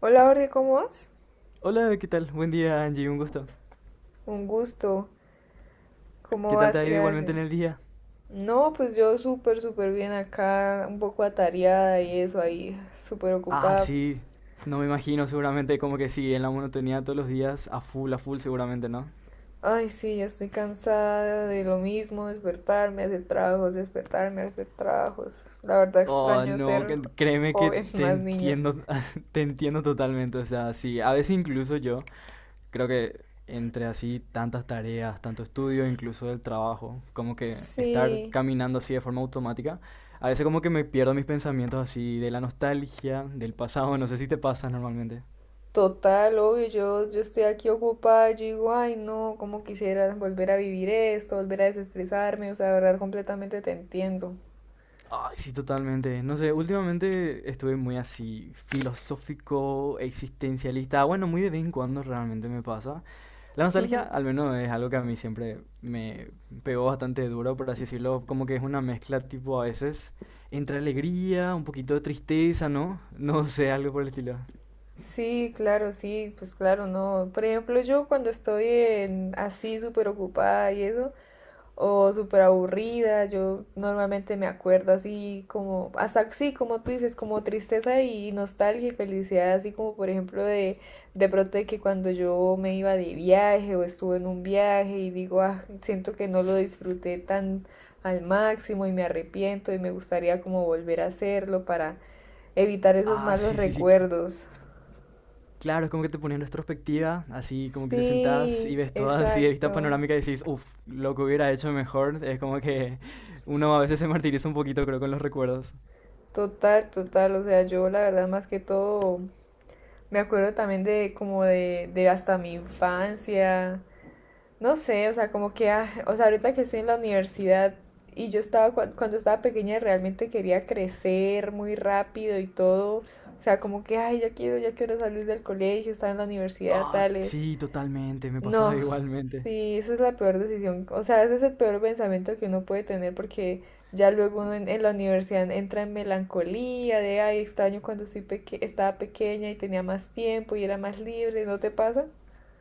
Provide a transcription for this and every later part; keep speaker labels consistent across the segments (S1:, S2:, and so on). S1: Hola, Jorge, ¿cómo vas?
S2: Hola, ¿qué tal? Buen día, Angie, un gusto.
S1: Un gusto. ¿Cómo
S2: ¿Qué tal te
S1: vas?
S2: ha
S1: ¿Qué
S2: ido igualmente en
S1: haces?
S2: el día?
S1: No, pues yo súper, súper bien acá, un poco atareada y eso ahí, súper
S2: Ah,
S1: ocupada.
S2: sí, no me imagino, seguramente como que sí, en la monotonía todos los días, a full, seguramente, ¿no?
S1: Ay, sí, ya estoy cansada de lo mismo, despertarme, hacer trabajos, despertarme, hacer trabajos. La verdad
S2: Oh,
S1: extraño
S2: no,
S1: ser
S2: créeme que
S1: joven,
S2: te
S1: más niña.
S2: entiendo, te entiendo totalmente, o sea, sí, a veces incluso yo creo que entre así tantas tareas, tanto estudio, incluso del trabajo, como que estar
S1: Sí,
S2: caminando así de forma automática, a veces como que me pierdo mis pensamientos así de la nostalgia, del pasado, no sé si te pasa normalmente.
S1: total, obvio, yo estoy aquí ocupada, yo digo, ay, no, cómo quisiera volver a vivir esto, volver a desestresarme, o sea, de verdad completamente te entiendo.
S2: Ay, sí, totalmente. No sé, últimamente estuve muy así filosófico, existencialista. Bueno, muy de vez en cuando realmente me pasa. La nostalgia, al menos, es algo que a mí siempre me pegó bastante duro, por así decirlo. Como que es una mezcla, tipo, a veces entre alegría, un poquito de tristeza, ¿no? No sé, algo por el estilo.
S1: Sí, claro, sí, pues claro, no. Por ejemplo, yo cuando estoy en- así súper ocupada y eso, o súper aburrida, yo normalmente me acuerdo así como, hasta sí, como tú dices, como tristeza y nostalgia y felicidad, así como por ejemplo de pronto de que cuando yo me iba de viaje o estuve en un viaje y digo, ah, siento que no lo disfruté tan al máximo y me arrepiento y me gustaría como volver a hacerlo para evitar esos
S2: Ah,
S1: malos
S2: sí, sí, sí.
S1: recuerdos.
S2: Claro, es como que te ponía en retrospectiva, así como que te sentás y
S1: Sí,
S2: ves todo así de vista
S1: exacto.
S2: panorámica y decís, uff, lo que hubiera hecho mejor. Es como que uno a veces se martiriza un poquito, creo, con los recuerdos.
S1: Total, total. O sea, yo la verdad más que todo me acuerdo también de como de hasta mi infancia. No sé, o sea, como que, ah, o sea, ahorita que estoy en la universidad y yo estaba, cua- cuando estaba pequeña realmente quería crecer muy rápido y todo. O sea, como que, ay, ya quiero salir del colegio, estar en la universidad,
S2: Ah,
S1: tales.
S2: sí, totalmente, me pasaba
S1: No,
S2: igualmente.
S1: sí, esa es la peor decisión. O sea, ese es el peor pensamiento que uno puede tener porque ya luego uno en la universidad entra en melancolía de, ay, extraño cuando soy peque- estaba pequeña y tenía más tiempo y era más libre, ¿no te pasa?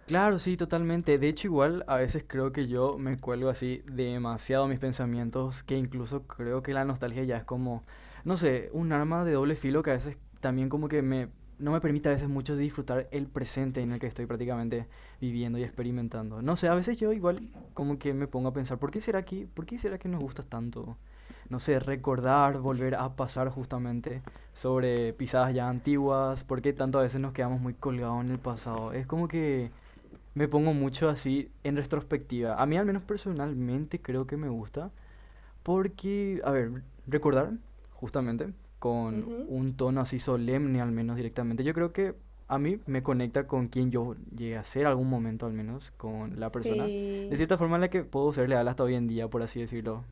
S2: Claro, sí, totalmente. De hecho, igual a veces creo que yo me cuelgo así demasiado a mis pensamientos, que incluso creo que la nostalgia ya es como, no sé, un arma de doble filo que a veces también como que me, no me permite a veces mucho disfrutar el presente en el que estoy prácticamente viviendo y experimentando. No sé, a veces yo igual como que me pongo a pensar, ¿por qué será que, por qué será que nos gusta tanto? No sé, recordar, volver a pasar justamente sobre pisadas ya antiguas, por qué tanto a veces nos quedamos muy colgados en el pasado. Es como que me pongo mucho así en retrospectiva. A mí al menos personalmente creo que me gusta porque, a ver, recordar justamente con
S1: Ujú.
S2: un tono así solemne al menos directamente. Yo creo que a mí me conecta con quien yo llegué a ser algún momento al menos, con la persona. De
S1: Sí,
S2: cierta forma en la que puedo ser leal hasta hoy en día, por así decirlo.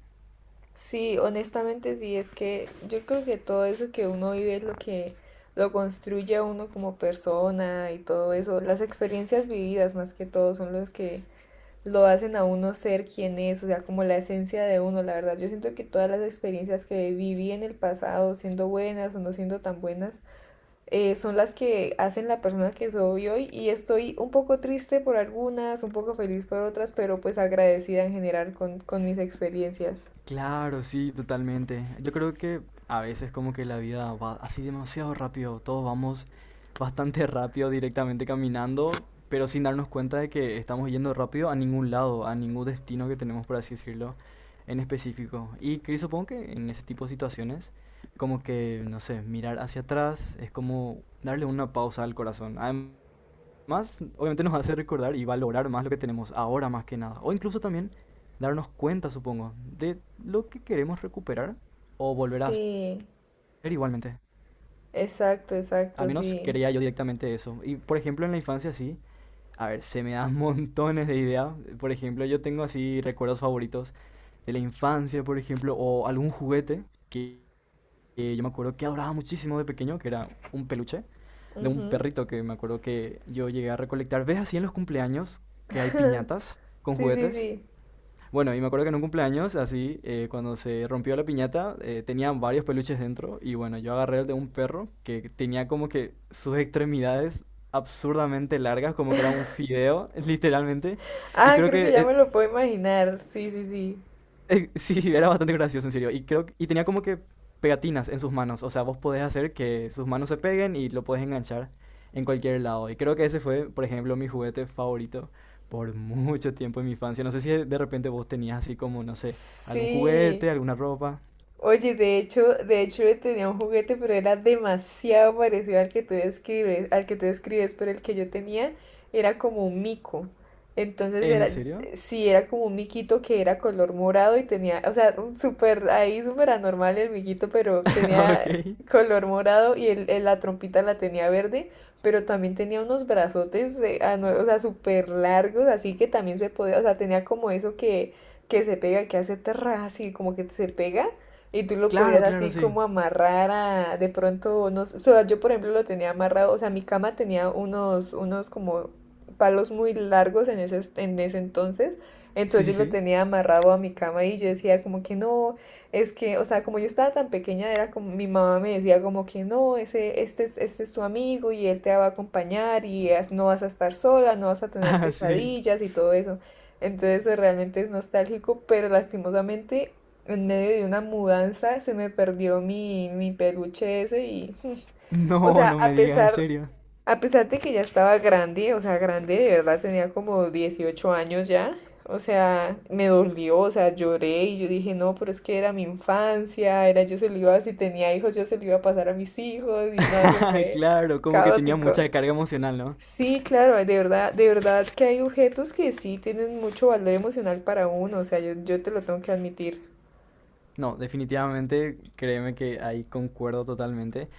S1: sí, honestamente sí, es que yo creo que todo eso que uno vive es lo que lo construye a uno como persona y todo eso. Las experiencias vividas más que todo son los que lo hacen a uno ser quien es, o sea, como la esencia de uno, la verdad. Yo siento que todas las experiencias que viví en el pasado, siendo buenas o no siendo tan buenas, son las que hacen la persona que soy hoy y estoy un poco triste por algunas, un poco feliz por otras, pero pues agradecida en general con mis experiencias.
S2: Claro, sí, totalmente. Yo creo que a veces como que la vida va así demasiado rápido, todos vamos bastante rápido directamente caminando, pero sin darnos cuenta de que estamos yendo rápido a ningún lado, a ningún destino que tenemos, por así decirlo, en específico. Y que supongo que en ese tipo de situaciones, como que, no sé, mirar hacia atrás es como darle una pausa al corazón más obviamente nos hace recordar y valorar más lo que tenemos ahora más que nada. O incluso también darnos cuenta, supongo, de lo que queremos recuperar o volver a hacer
S1: Sí,
S2: igualmente.
S1: exacto,
S2: Al
S1: exacto,
S2: menos
S1: sí.
S2: quería yo directamente eso. Y por ejemplo en la infancia sí, a ver, se me dan montones de ideas. Por ejemplo, yo tengo así recuerdos favoritos de la infancia, por ejemplo, o algún juguete que yo me acuerdo que adoraba muchísimo de pequeño, que era un peluche de un
S1: Ujú.
S2: perrito que me acuerdo que yo llegué a recolectar. ¿Ves así en los cumpleaños que hay piñatas con
S1: Sí, sí,
S2: juguetes?
S1: sí.
S2: Bueno, y me acuerdo que en un cumpleaños, así, cuando se rompió la piñata, tenían varios peluches dentro. Y bueno, yo agarré el de un perro que tenía como que sus extremidades absurdamente largas, como que era un fideo, literalmente. Y
S1: Ah,
S2: creo
S1: creo
S2: que
S1: que ya me lo puedo imaginar. Sí, sí, sí.
S2: Sí, era bastante gracioso, en serio. Y tenía como que pegatinas en sus manos. O sea, vos podés hacer que sus manos se peguen y lo podés enganchar en cualquier lado. Y creo que ese fue, por ejemplo, mi juguete favorito por mucho tiempo en mi infancia. No sé si de repente vos tenías así como, no sé, algún
S1: Sí.
S2: juguete, alguna ropa.
S1: Oye, de hecho yo tenía un juguete, pero era demasiado parecido al que tú describes, al que tú describes, pero el que yo tenía era como un mico. Entonces era,
S2: ¿En serio?
S1: sí, era como un miquito que era color morado y tenía, o sea, un súper, ahí súper anormal el miquito, pero tenía
S2: Ok.
S1: color morado y el- la trompita la tenía verde, pero también tenía unos brazotes, ano- o sea, súper largos, así que también se podía, o sea, tenía como eso que se pega, que hace terra, así como que se pega y tú lo
S2: Claro,
S1: podías
S2: claro,
S1: así
S2: sí.
S1: como amarrar a, de pronto, no sé, o sea, yo por ejemplo lo tenía amarrado, o sea, mi cama tenía unos, unos como palos muy largos en ese entonces, entonces
S2: Sí,
S1: yo lo
S2: sí.
S1: tenía amarrado a mi cama y yo decía como que no, es que, o sea, como yo estaba tan pequeña, era como, mi mamá me decía como que no, ese, este es tu amigo y él te va a acompañar y as- no vas a estar sola, no vas a tener
S2: Ah, sí.
S1: pesadillas y todo eso. Entonces eso realmente es nostálgico, pero lastimosamente en medio de una mudanza se me perdió mi, mi peluche ese y, o
S2: No,
S1: sea,
S2: no me digas, en serio.
S1: a pesar de que ya estaba grande, o sea, grande, de verdad tenía como 18 años ya, o sea, me dolió, o sea, lloré y yo dije, no, pero es que era mi infancia, era yo se lo iba, si tenía hijos, yo se lo iba a pasar a mis hijos y no, eso fue
S2: Claro, como que tenía
S1: caótico.
S2: mucha carga emocional, ¿no?
S1: Sí, claro, de verdad que hay objetos que sí tienen mucho valor emocional para uno, o sea, yo te lo tengo que admitir.
S2: No, definitivamente, créeme que ahí concuerdo totalmente.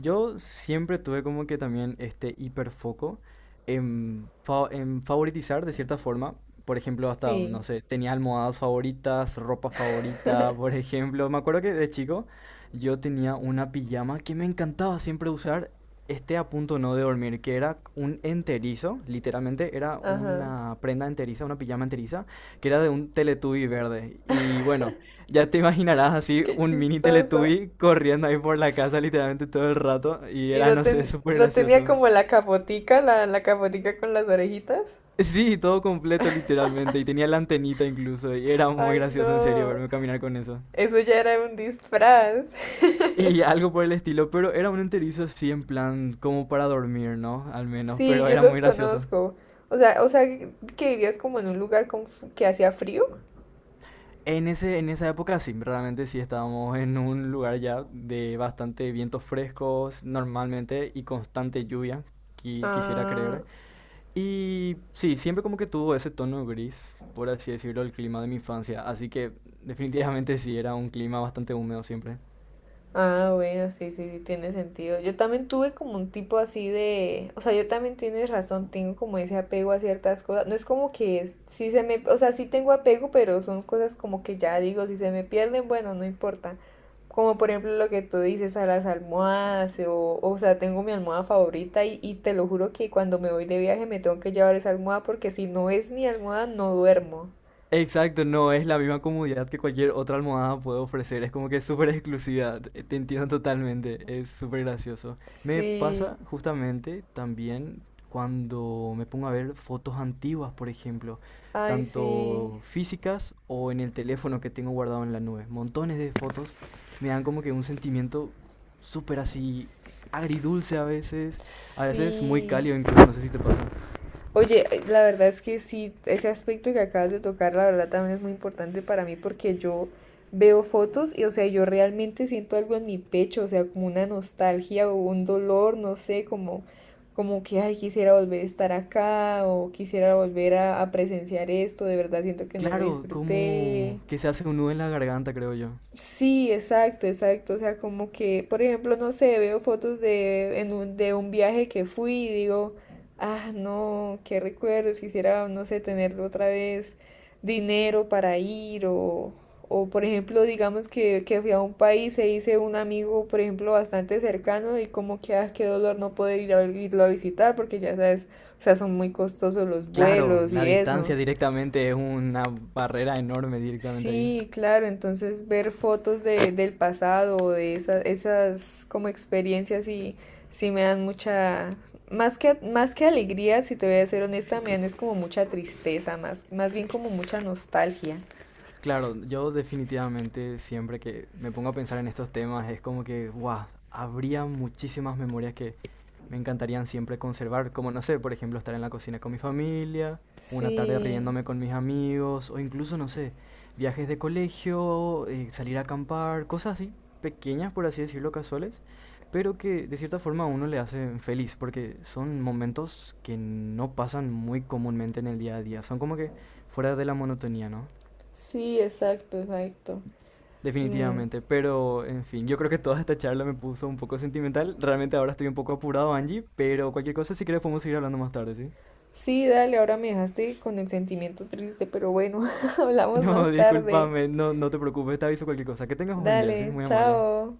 S2: Yo siempre tuve como que también este hiperfoco en, en favoritizar de cierta forma. Por ejemplo, hasta,
S1: Sí,
S2: no sé, tenía almohadas favoritas, ropa favorita, por ejemplo. Me acuerdo que de chico yo tenía una pijama que me encantaba siempre usar, este a punto no de dormir, que era un enterizo, literalmente era
S1: ajá.
S2: una prenda enteriza, una pijama enteriza, que era de un Teletubby verde. Y bueno, ya te imaginarás así
S1: Qué
S2: un mini
S1: chistoso.
S2: Teletubby corriendo ahí por la casa literalmente todo el rato y
S1: Y
S2: era,
S1: no,
S2: no sé,
S1: ten-
S2: súper
S1: no tenía
S2: gracioso.
S1: como la capotica, la capotica con las orejitas.
S2: Sí, todo completo literalmente y tenía la antenita incluso y era muy
S1: Ay,
S2: gracioso en serio
S1: no.
S2: verme caminar con eso.
S1: Eso ya era un disfraz.
S2: Y algo por el estilo, pero era un enterizo así en plan como para dormir, ¿no? Al menos,
S1: Sí,
S2: pero
S1: yo
S2: era
S1: los
S2: muy gracioso.
S1: conozco. O sea, que vivías como en un lugar con f- que hacía frío.
S2: En ese, en esa época sí, realmente sí estábamos en un lugar ya de bastante vientos frescos normalmente y constante lluvia, quisiera
S1: Ah.
S2: creer. Y sí, siempre como que tuvo ese tono gris, por así decirlo, el clima de mi infancia. Así que definitivamente sí, era un clima bastante húmedo siempre.
S1: Ah, bueno, sí, sí, sí, tiene sentido. Yo también tuve como un tipo así de, o sea, yo también tienes razón, tengo como ese apego a ciertas cosas. No es como que es- sí se me, o sea, sí tengo apego, pero son cosas como que ya digo, si se me pierden, bueno, no importa. Como por ejemplo lo que tú dices a las almohadas, o sea, tengo mi almohada favorita y te lo juro que cuando me voy de viaje me tengo que llevar esa almohada porque si no es mi almohada no duermo.
S2: Exacto, no es la misma comodidad que cualquier otra almohada puede ofrecer, es como que es súper exclusiva, te entiendo totalmente, es súper gracioso. Me
S1: Sí,
S2: pasa justamente también cuando me pongo a ver fotos antiguas, por ejemplo,
S1: ay, sí,
S2: tanto físicas o en el teléfono que tengo guardado en la nube. Montones de fotos me dan como que un sentimiento súper así agridulce a veces muy
S1: sí.
S2: cálido incluso, no sé si te pasa.
S1: Oye, la verdad es que sí, ese aspecto que acabas de tocar, la verdad también es muy importante para mí porque yo veo fotos y, o sea, yo realmente siento algo en mi pecho, o sea, como una nostalgia o un dolor, no sé, como, como que, ay, quisiera volver a estar acá o quisiera volver a presenciar esto, de verdad siento que no lo
S2: Claro,
S1: disfruté.
S2: como que se hace un nudo en la garganta, creo yo.
S1: Sí, exacto, exacto. O sea, como que, por ejemplo, no sé, veo fotos de, en un, de un viaje que fui y digo, ah, no, qué recuerdos, quisiera, no sé, tener otra vez dinero para ir o por ejemplo, digamos que fui a un país e hice un amigo, por ejemplo, bastante cercano y como que, ah, qué dolor no poder ir a, irlo a visitar porque ya sabes, o sea, son muy costosos los
S2: Claro,
S1: vuelos
S2: la
S1: y eso.
S2: distancia directamente es una barrera enorme directamente ahí.
S1: Sí, claro, entonces ver fotos de, del pasado o de esas, esas como experiencias y sí me dan mucha, más que alegría, si te voy a ser honesta, me dan es como mucha tristeza, más, más bien como mucha nostalgia.
S2: Claro, yo definitivamente siempre que me pongo a pensar en estos temas es como que, wow, habría muchísimas memorias que me encantarían siempre conservar, como no sé, por ejemplo, estar en la cocina con mi familia, una tarde
S1: Sí,
S2: riéndome con mis amigos, o incluso, no sé, viajes de colegio, salir a acampar, cosas así, pequeñas, por así decirlo, casuales, pero que de cierta forma a uno le hacen feliz, porque son momentos que no pasan muy comúnmente en el día a día, son como que fuera de la monotonía, ¿no?
S1: sí, exacto, exacto. Mm.
S2: Definitivamente, pero en fin, yo creo que toda esta charla me puso un poco sentimental. Realmente ahora estoy un poco apurado, Angie, pero cualquier cosa, si quieres, podemos seguir hablando más tarde, ¿sí?
S1: Sí, dale, ahora me dejaste con el sentimiento triste, pero bueno, hablamos más
S2: No,
S1: tarde.
S2: discúlpame, no, no te preocupes, te aviso cualquier cosa. Que tengas un buen día, ¿sí?
S1: Dale,
S2: Muy amable.
S1: chao.